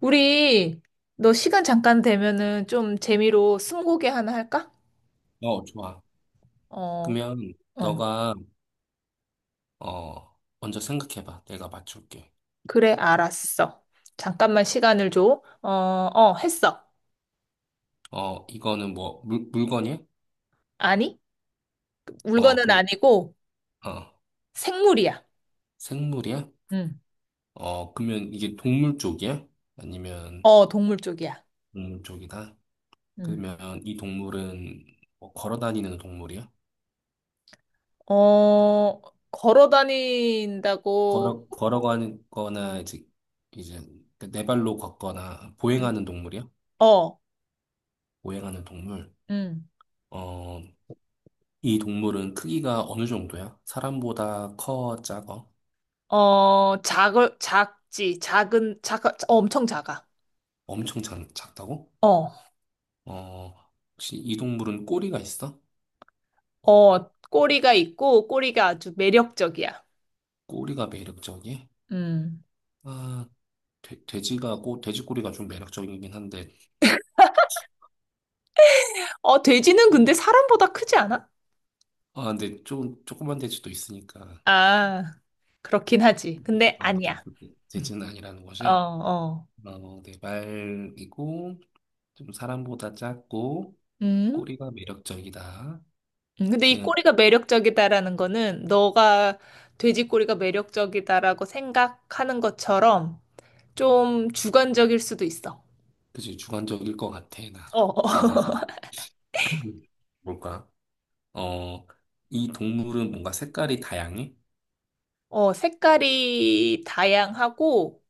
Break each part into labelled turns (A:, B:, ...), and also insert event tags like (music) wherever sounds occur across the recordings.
A: 우리 너 시간 잠깐 되면은 좀 재미로 스무고개 하나 할까?
B: 어, 좋아.
A: 어,
B: 그러면
A: 어.
B: 너가 먼저 생각해봐. 내가 맞출게.
A: 그래, 알았어. 잠깐만 시간을 줘. 했어.
B: 어, 이거는 뭐 물건이야?
A: 아니,
B: 어,
A: 물건은
B: 그러면
A: 아니고
B: 어
A: 생물이야.
B: 생물이야?
A: 응.
B: 어, 그러면 이게 동물 쪽이야? 아니면
A: 어, 동물 쪽이야.
B: 동물 쪽이다?
A: 응.
B: 그러면 이 동물은 뭐 걸어 다니는 동물이야?
A: 어, 걸어 다닌다고.
B: 걸어가거나 이제 네 발로 걷거나
A: 응.
B: 보행하는 동물이야?
A: 어,
B: 보행하는 동물.
A: 응.
B: 어, 이 동물은 크기가 어느 정도야? 사람보다 커, 작아?
A: 어, 작을 작지. 엄청 작아.
B: 엄청 작다고?
A: 어.
B: 어, 혹시 이 동물은 꼬리가 있어?
A: 어, 꼬리가 있고 꼬리가 아주 매력적이야.
B: 꼬리가 매력적이야?
A: 음.
B: 아, 돼지가 돼지 꼬리가 좀 매력적이긴 한데,
A: 어, 돼지는 근데 사람보다 크지 않아?
B: 아, 근데 좀, 조그만 돼지도 있으니까,
A: 아, 그렇긴 하지. 근데
B: 아,
A: 아니야.
B: 돼지는 아니라는
A: 어,
B: 거지?
A: 어.
B: 어, 네, 말이고, 좀 사람보다 작고,
A: 음?
B: 꼬리가 매력적이다.
A: 근데 이
B: 그냥,
A: 꼬리가 매력적이다라는 거는 너가 돼지 꼬리가 매력적이다라고 생각하는 것처럼 좀 주관적일 수도 있어.
B: 그치, 주관적일 것 같아, 나.
A: 어, 어,
B: 생각해서. (clears throat) 뭘까? 어, 이 동물은 뭔가 색깔이 다양해?
A: 어, 색깔이 다양하고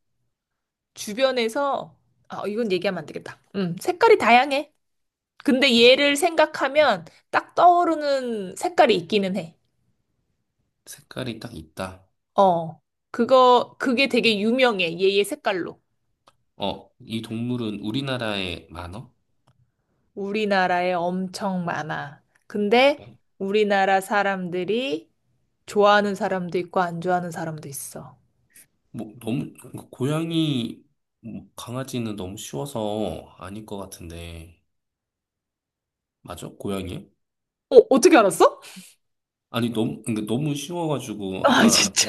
A: 주변에서, 아, 이건 얘기하면 안 되겠다. 색깔이 다양해. 근데 얘를 생각하면 딱 떠오르는 색깔이 있기는 해.
B: 색깔이 딱 있다.
A: 어, 그게 되게 유명해. 얘의 색깔로.
B: 어, 이 동물은 우리나라에 많어?
A: 우리나라에 엄청 많아. 근데
B: 그래?
A: 우리나라 사람들이 좋아하는 사람도 있고 안 좋아하는 사람도 있어.
B: 뭐, 너무, 그러니까 고양이, 뭐, 강아지는 너무 쉬워서 아닐 것 같은데. 맞아? 고양이요?
A: 어, 어떻게 알았어? (laughs)
B: 아니, 너무, 그러니까 너무 쉬워가지고,
A: 아,
B: 아까,
A: 진짜?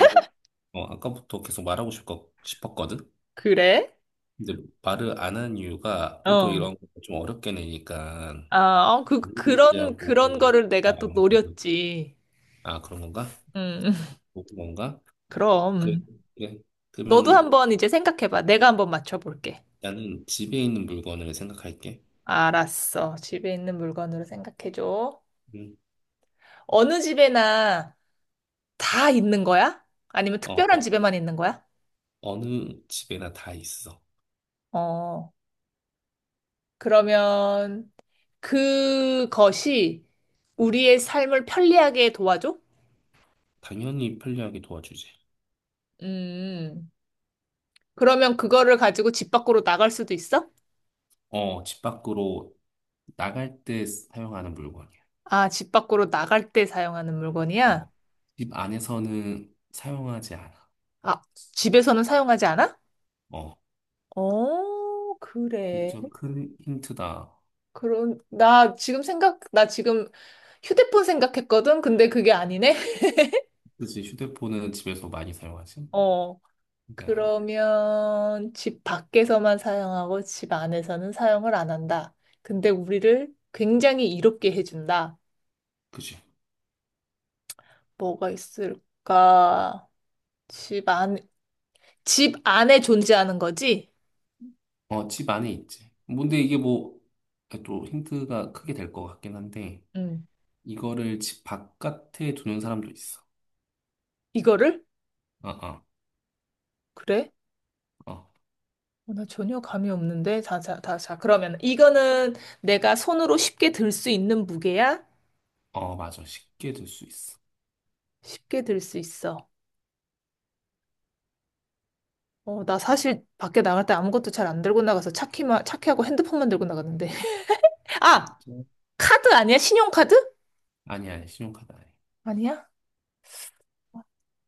B: 어, 아까부터 계속 싶었거든?
A: 그래?
B: 근데 말을 안 한 이유가 보통
A: 어.
B: 이런 거 좀 어렵게 내니까, 엘리베이터하고
A: 그런 거를
B: 말
A: 내가 또
B: 안 했거든.
A: 노렸지.
B: 아, 그런 건가?
A: 음, 음.
B: 그런 건가? 그래,
A: 그럼.
B: 그래.
A: 너도
B: 그러면,
A: 한번 이제 생각해봐. 내가 한번 맞춰볼게.
B: 나는 집에 있는 물건을 생각할게.
A: 알았어. 집에 있는 물건으로 생각해줘.
B: 음.
A: 어느 집에나 다 있는 거야? 아니면
B: 어, 어,
A: 특별한 집에만 있는 거야?
B: 어느 집에나 다 있어.
A: 어, 그러면 그것이 우리의 삶을 편리하게 도와줘?
B: 당연히 편리하게 도와주지.
A: 음, 그러면 그거를 가지고 집 밖으로 나갈 수도 있어?
B: 어, 집 밖으로 나갈 때 사용하는 물건이야.
A: 아, 집 밖으로 나갈 때 사용하는 물건이야?
B: 어, 집 안에서는 사용하지 않아.
A: 아, 집에서는 사용하지 않아?
B: 어,
A: 어, 그래.
B: 진짜 큰 힌트다.
A: 그런, 나 지금 생각, 나 지금 휴대폰 생각했거든? 근데 그게 아니네?
B: 그치, 휴대폰은 집에서 많이 사용하지?
A: (laughs) 어.
B: 그게 아니야.
A: 그러면 집 밖에서만 사용하고 집 안에서는 사용을 안 한다. 근데 우리를 굉장히 이롭게 해준다.
B: 그치.
A: 뭐가 있을까? 집 안, 집 안에 존재하는 거지?
B: 어, 집 안에 있지. 뭔데 이게 뭐, 또 힌트가 크게 될 것 같긴 한데,
A: 음.
B: 이거를 집 바깥에 두는 사람도 있어.
A: 이거를?
B: 어, 어,
A: 그래?
B: 어.
A: 어, 나 전혀 감이 없는데. 자, 자, 자, 자. 그러면 이거는 내가 손으로 쉽게 들 수 있는 무게야?
B: 어, 맞아. 쉽게 들 수 있어.
A: 쉽게 들 수 있어. 어, 나 사실 밖에 나갈 때 아무것도 잘 안 들고 나가서 차키하고 핸드폰만 들고 나갔는데. (laughs) 아!
B: 그치?
A: 카드 아니야? 신용카드?
B: 아니, 신용카드 아니.
A: 아니야?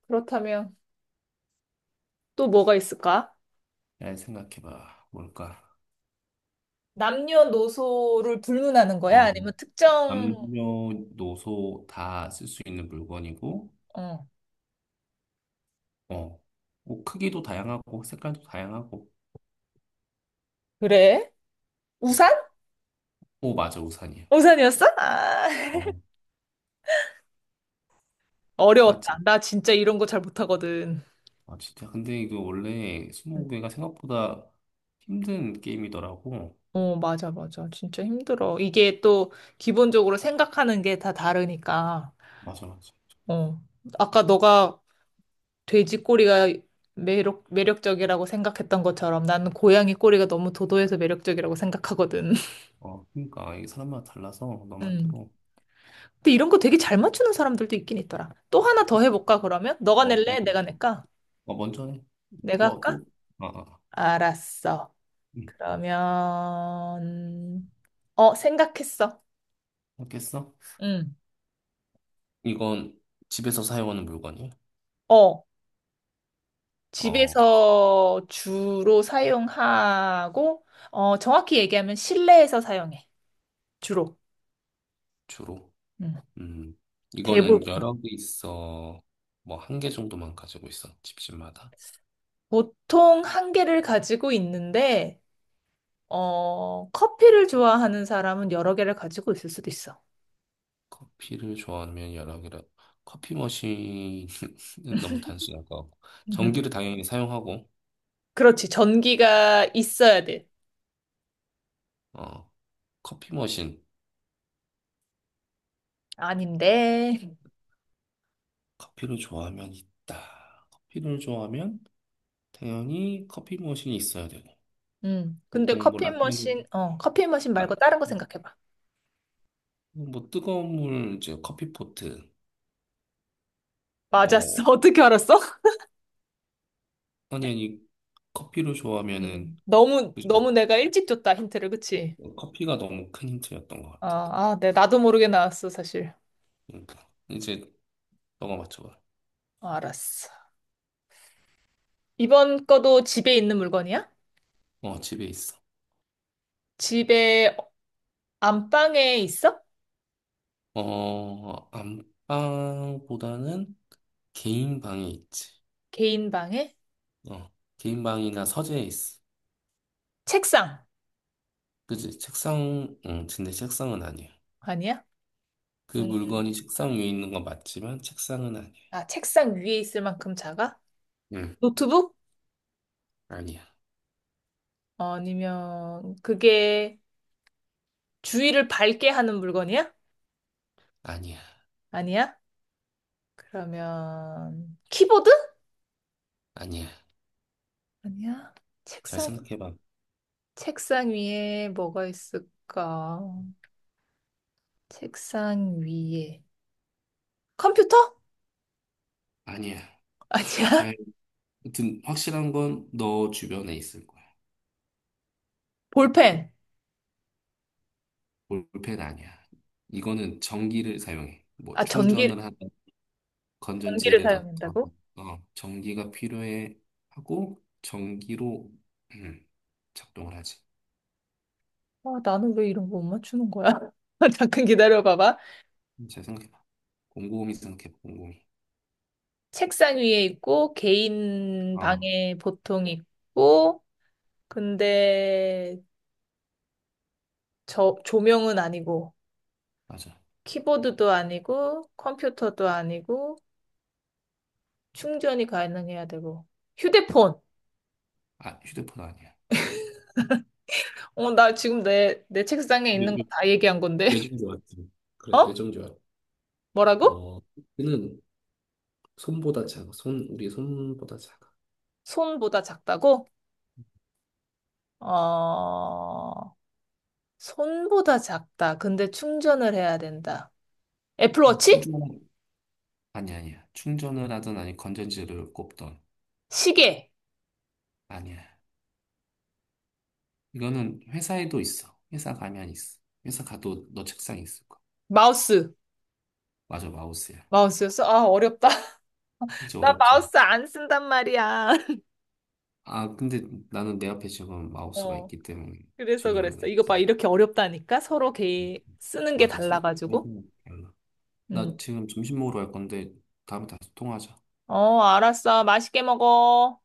A: 그렇다면 또 뭐가 있을까?
B: 잘 생각해봐. 뭘까?
A: 남녀노소를 불문하는 거야?
B: 어,
A: 아니면 특정,
B: 남녀노소 다 쓸 수 있는 물건이고,
A: 어,
B: 어, 뭐 크기도 다양하고, 색깔도 다양하고.
A: 그래? 우산?
B: 오, 맞아. 우산이야.
A: 우산이었어? 아,
B: 어, 맞지?
A: 어려웠다. 나 진짜 이런 거 잘 못하거든.
B: 아, 진짜. 근데 이거 원래
A: 음.
B: 스무고개가 생각보다 힘든 게임이더라고.
A: 어, 맞아, 맞아. 진짜 힘들어. 이게 또 기본적으로 생각하는 게 다 다르니까.
B: 맞아, 맞아.
A: 어. 아까 너가 돼지 꼬리가 매력적이라고 생각했던 것처럼 나는 고양이 꼬리가 너무 도도해서 매력적이라고 생각하거든. (laughs)
B: 어, 그러니까 이게 사람마다 달라서 너
A: 음.
B: 말대로.
A: 근데 이런 거 되게 잘 맞추는 사람들도 있긴 있더라. 또 하나 더 해볼까, 그러면? 너가
B: 어,
A: 낼래?
B: 먼저,
A: 내가 낼까?
B: 어, 먼저 해.
A: 내가
B: 또,
A: 할까?
B: 또. 아, 아.
A: 알았어.
B: 응.
A: 그러면, 어, 생각했어.
B: 알겠어?
A: 응.
B: 이건 집에서 사용하는 물건이야?
A: 어,
B: 어,
A: 집에서 주로 사용하고, 어, 정확히 얘기하면 실내에서 사용해. 주로.
B: 주로.
A: 응.
B: 음, 이거는
A: 대부분.
B: 여러 개 있어. 뭐, 한 개 정도만 가지고 있어. 집집마다.
A: 보통 한 개를 가지고 있는데, 어, 커피를 좋아하는 사람은 여러 개를 가지고 있을 수도 있어.
B: 커피를 좋아하면 여러 개라. 커피 머신은 (laughs) 너무 단순할 것 같고. 전기를
A: (laughs)
B: 당연히 사용하고,
A: 그렇지. 전기가 있어야 돼.
B: 어, 커피 머신.
A: 아닌데.
B: 커피를 좋아하면 있다. 커피를 좋아하면 당연히 커피 머신이 있어야 되고.
A: 음. 근데
B: 보통 뭐,
A: 커피 머신
B: 라,
A: 말고 다른 거
B: 음,
A: 생각해봐.
B: 뭐, 뜨거운 물, 이제 커피포트.
A: 맞았어. (laughs)
B: 뭐
A: 어떻게 알았어?
B: 아니, 커피를 좋아하면은,
A: 음.
B: 그지?
A: 너무 내가 일찍 줬다, 힌트를. 그치?
B: 커피가 너무 큰 힌트였던 것 같아.
A: 아, 네. 나도 모르게 나왔어, 사실.
B: 응. 이제 너가 맞춰봐.
A: 어, 알았어. 이번 거도 집에 있는 물건이야?
B: 어, 집에 있어.
A: 집에 안방에 있어?
B: 어, 안방보다는 개인 방에 있지.
A: 개인 방에?
B: 어, 개인 방이나 서재에 있어.
A: 책상.
B: 그지? 책상, 응, 근데 책상은 아니야.
A: 아니야?
B: 그
A: 음,
B: 물건이 책상 위에 있는 건 맞지만 책상은 아니야.
A: 아, 책상 위에 있을 만큼 작아?
B: 응,
A: 노트북?
B: 아니야.
A: 아니면 그게 주위를 밝게 하는 물건이야?
B: 아니야.
A: 아니야? 그러면 키보드?
B: 아니야.
A: 아니야.
B: 잘
A: 책상
B: 생각해봐.
A: 책상 위에 뭐가 있을까? 책상 위에 컴퓨터?
B: 아니야.
A: (laughs) 아니야.
B: 잘, 아무튼 확실한 건 너 주변에 있을 거야.
A: 볼펜.
B: 볼펜 아니야. 이거는 전기를 사용해. 뭐
A: 아, 전기
B: 충전을 하든
A: 전기를
B: 건전지를 넣던
A: 사용한다고?
B: 어, 전기가 필요해 하고 전기로 음, 작동을 하지.
A: 아, 나는 왜 이런 거 못 맞추는 거야? (laughs) 잠깐 기다려 봐봐.
B: 잘 생각해봐. 곰곰이 생각해봐. 곰곰이.
A: 책상 위에 있고 개인
B: 어,
A: 방에 보통 있고 근데 저 조명은 아니고
B: 맞아.
A: 키보드도 아니고 컴퓨터도 아니고 충전이 가능해야 되고 휴대폰.
B: 아, 휴대폰 아니야.
A: 어, 나 지금 내 책상에
B: 뇌,
A: 있는 거
B: 뇌-
A: 다 얘기한 건데. (laughs)
B: 뇌정지 왔지. 그래,
A: 어?
B: 뇌정지 왔.
A: 뭐라고?
B: 어, 이는 손보다 작아. 손, 우리 손보다 작아.
A: 손보다 작다고? 어, 손보다 작다. 근데 충전을 해야 된다. 애플워치?
B: 충전 아니 아니야. 충전을 하든 아니 건전지를 꼽던
A: 시계.
B: 아니야. 이거는 회사에도 있어. 회사 가면 있어. 회사 가도 너 책상에 있을 거야.
A: 마우스.
B: 맞아, 마우스야.
A: 마우스였어? 아, 어렵다. (laughs)
B: 이제
A: 나
B: 어렵지.
A: 마우스 안 쓴단 말이야. (laughs)
B: 아, 근데 나는 내 앞에 지금 마우스가
A: 어,
B: 있기 때문에
A: 그래서
B: 질문을
A: 그랬어. 이거
B: 했지.
A: 봐, 이렇게 어렵다니까? 서로 개 쓰는 게
B: 맞아,
A: 달라가지고.
B: 생각해보면 달라. 나
A: 음.
B: 지금 점심 먹으러 갈 건데 다음에 다시 통화하자.
A: 어, 알았어. 맛있게 먹어.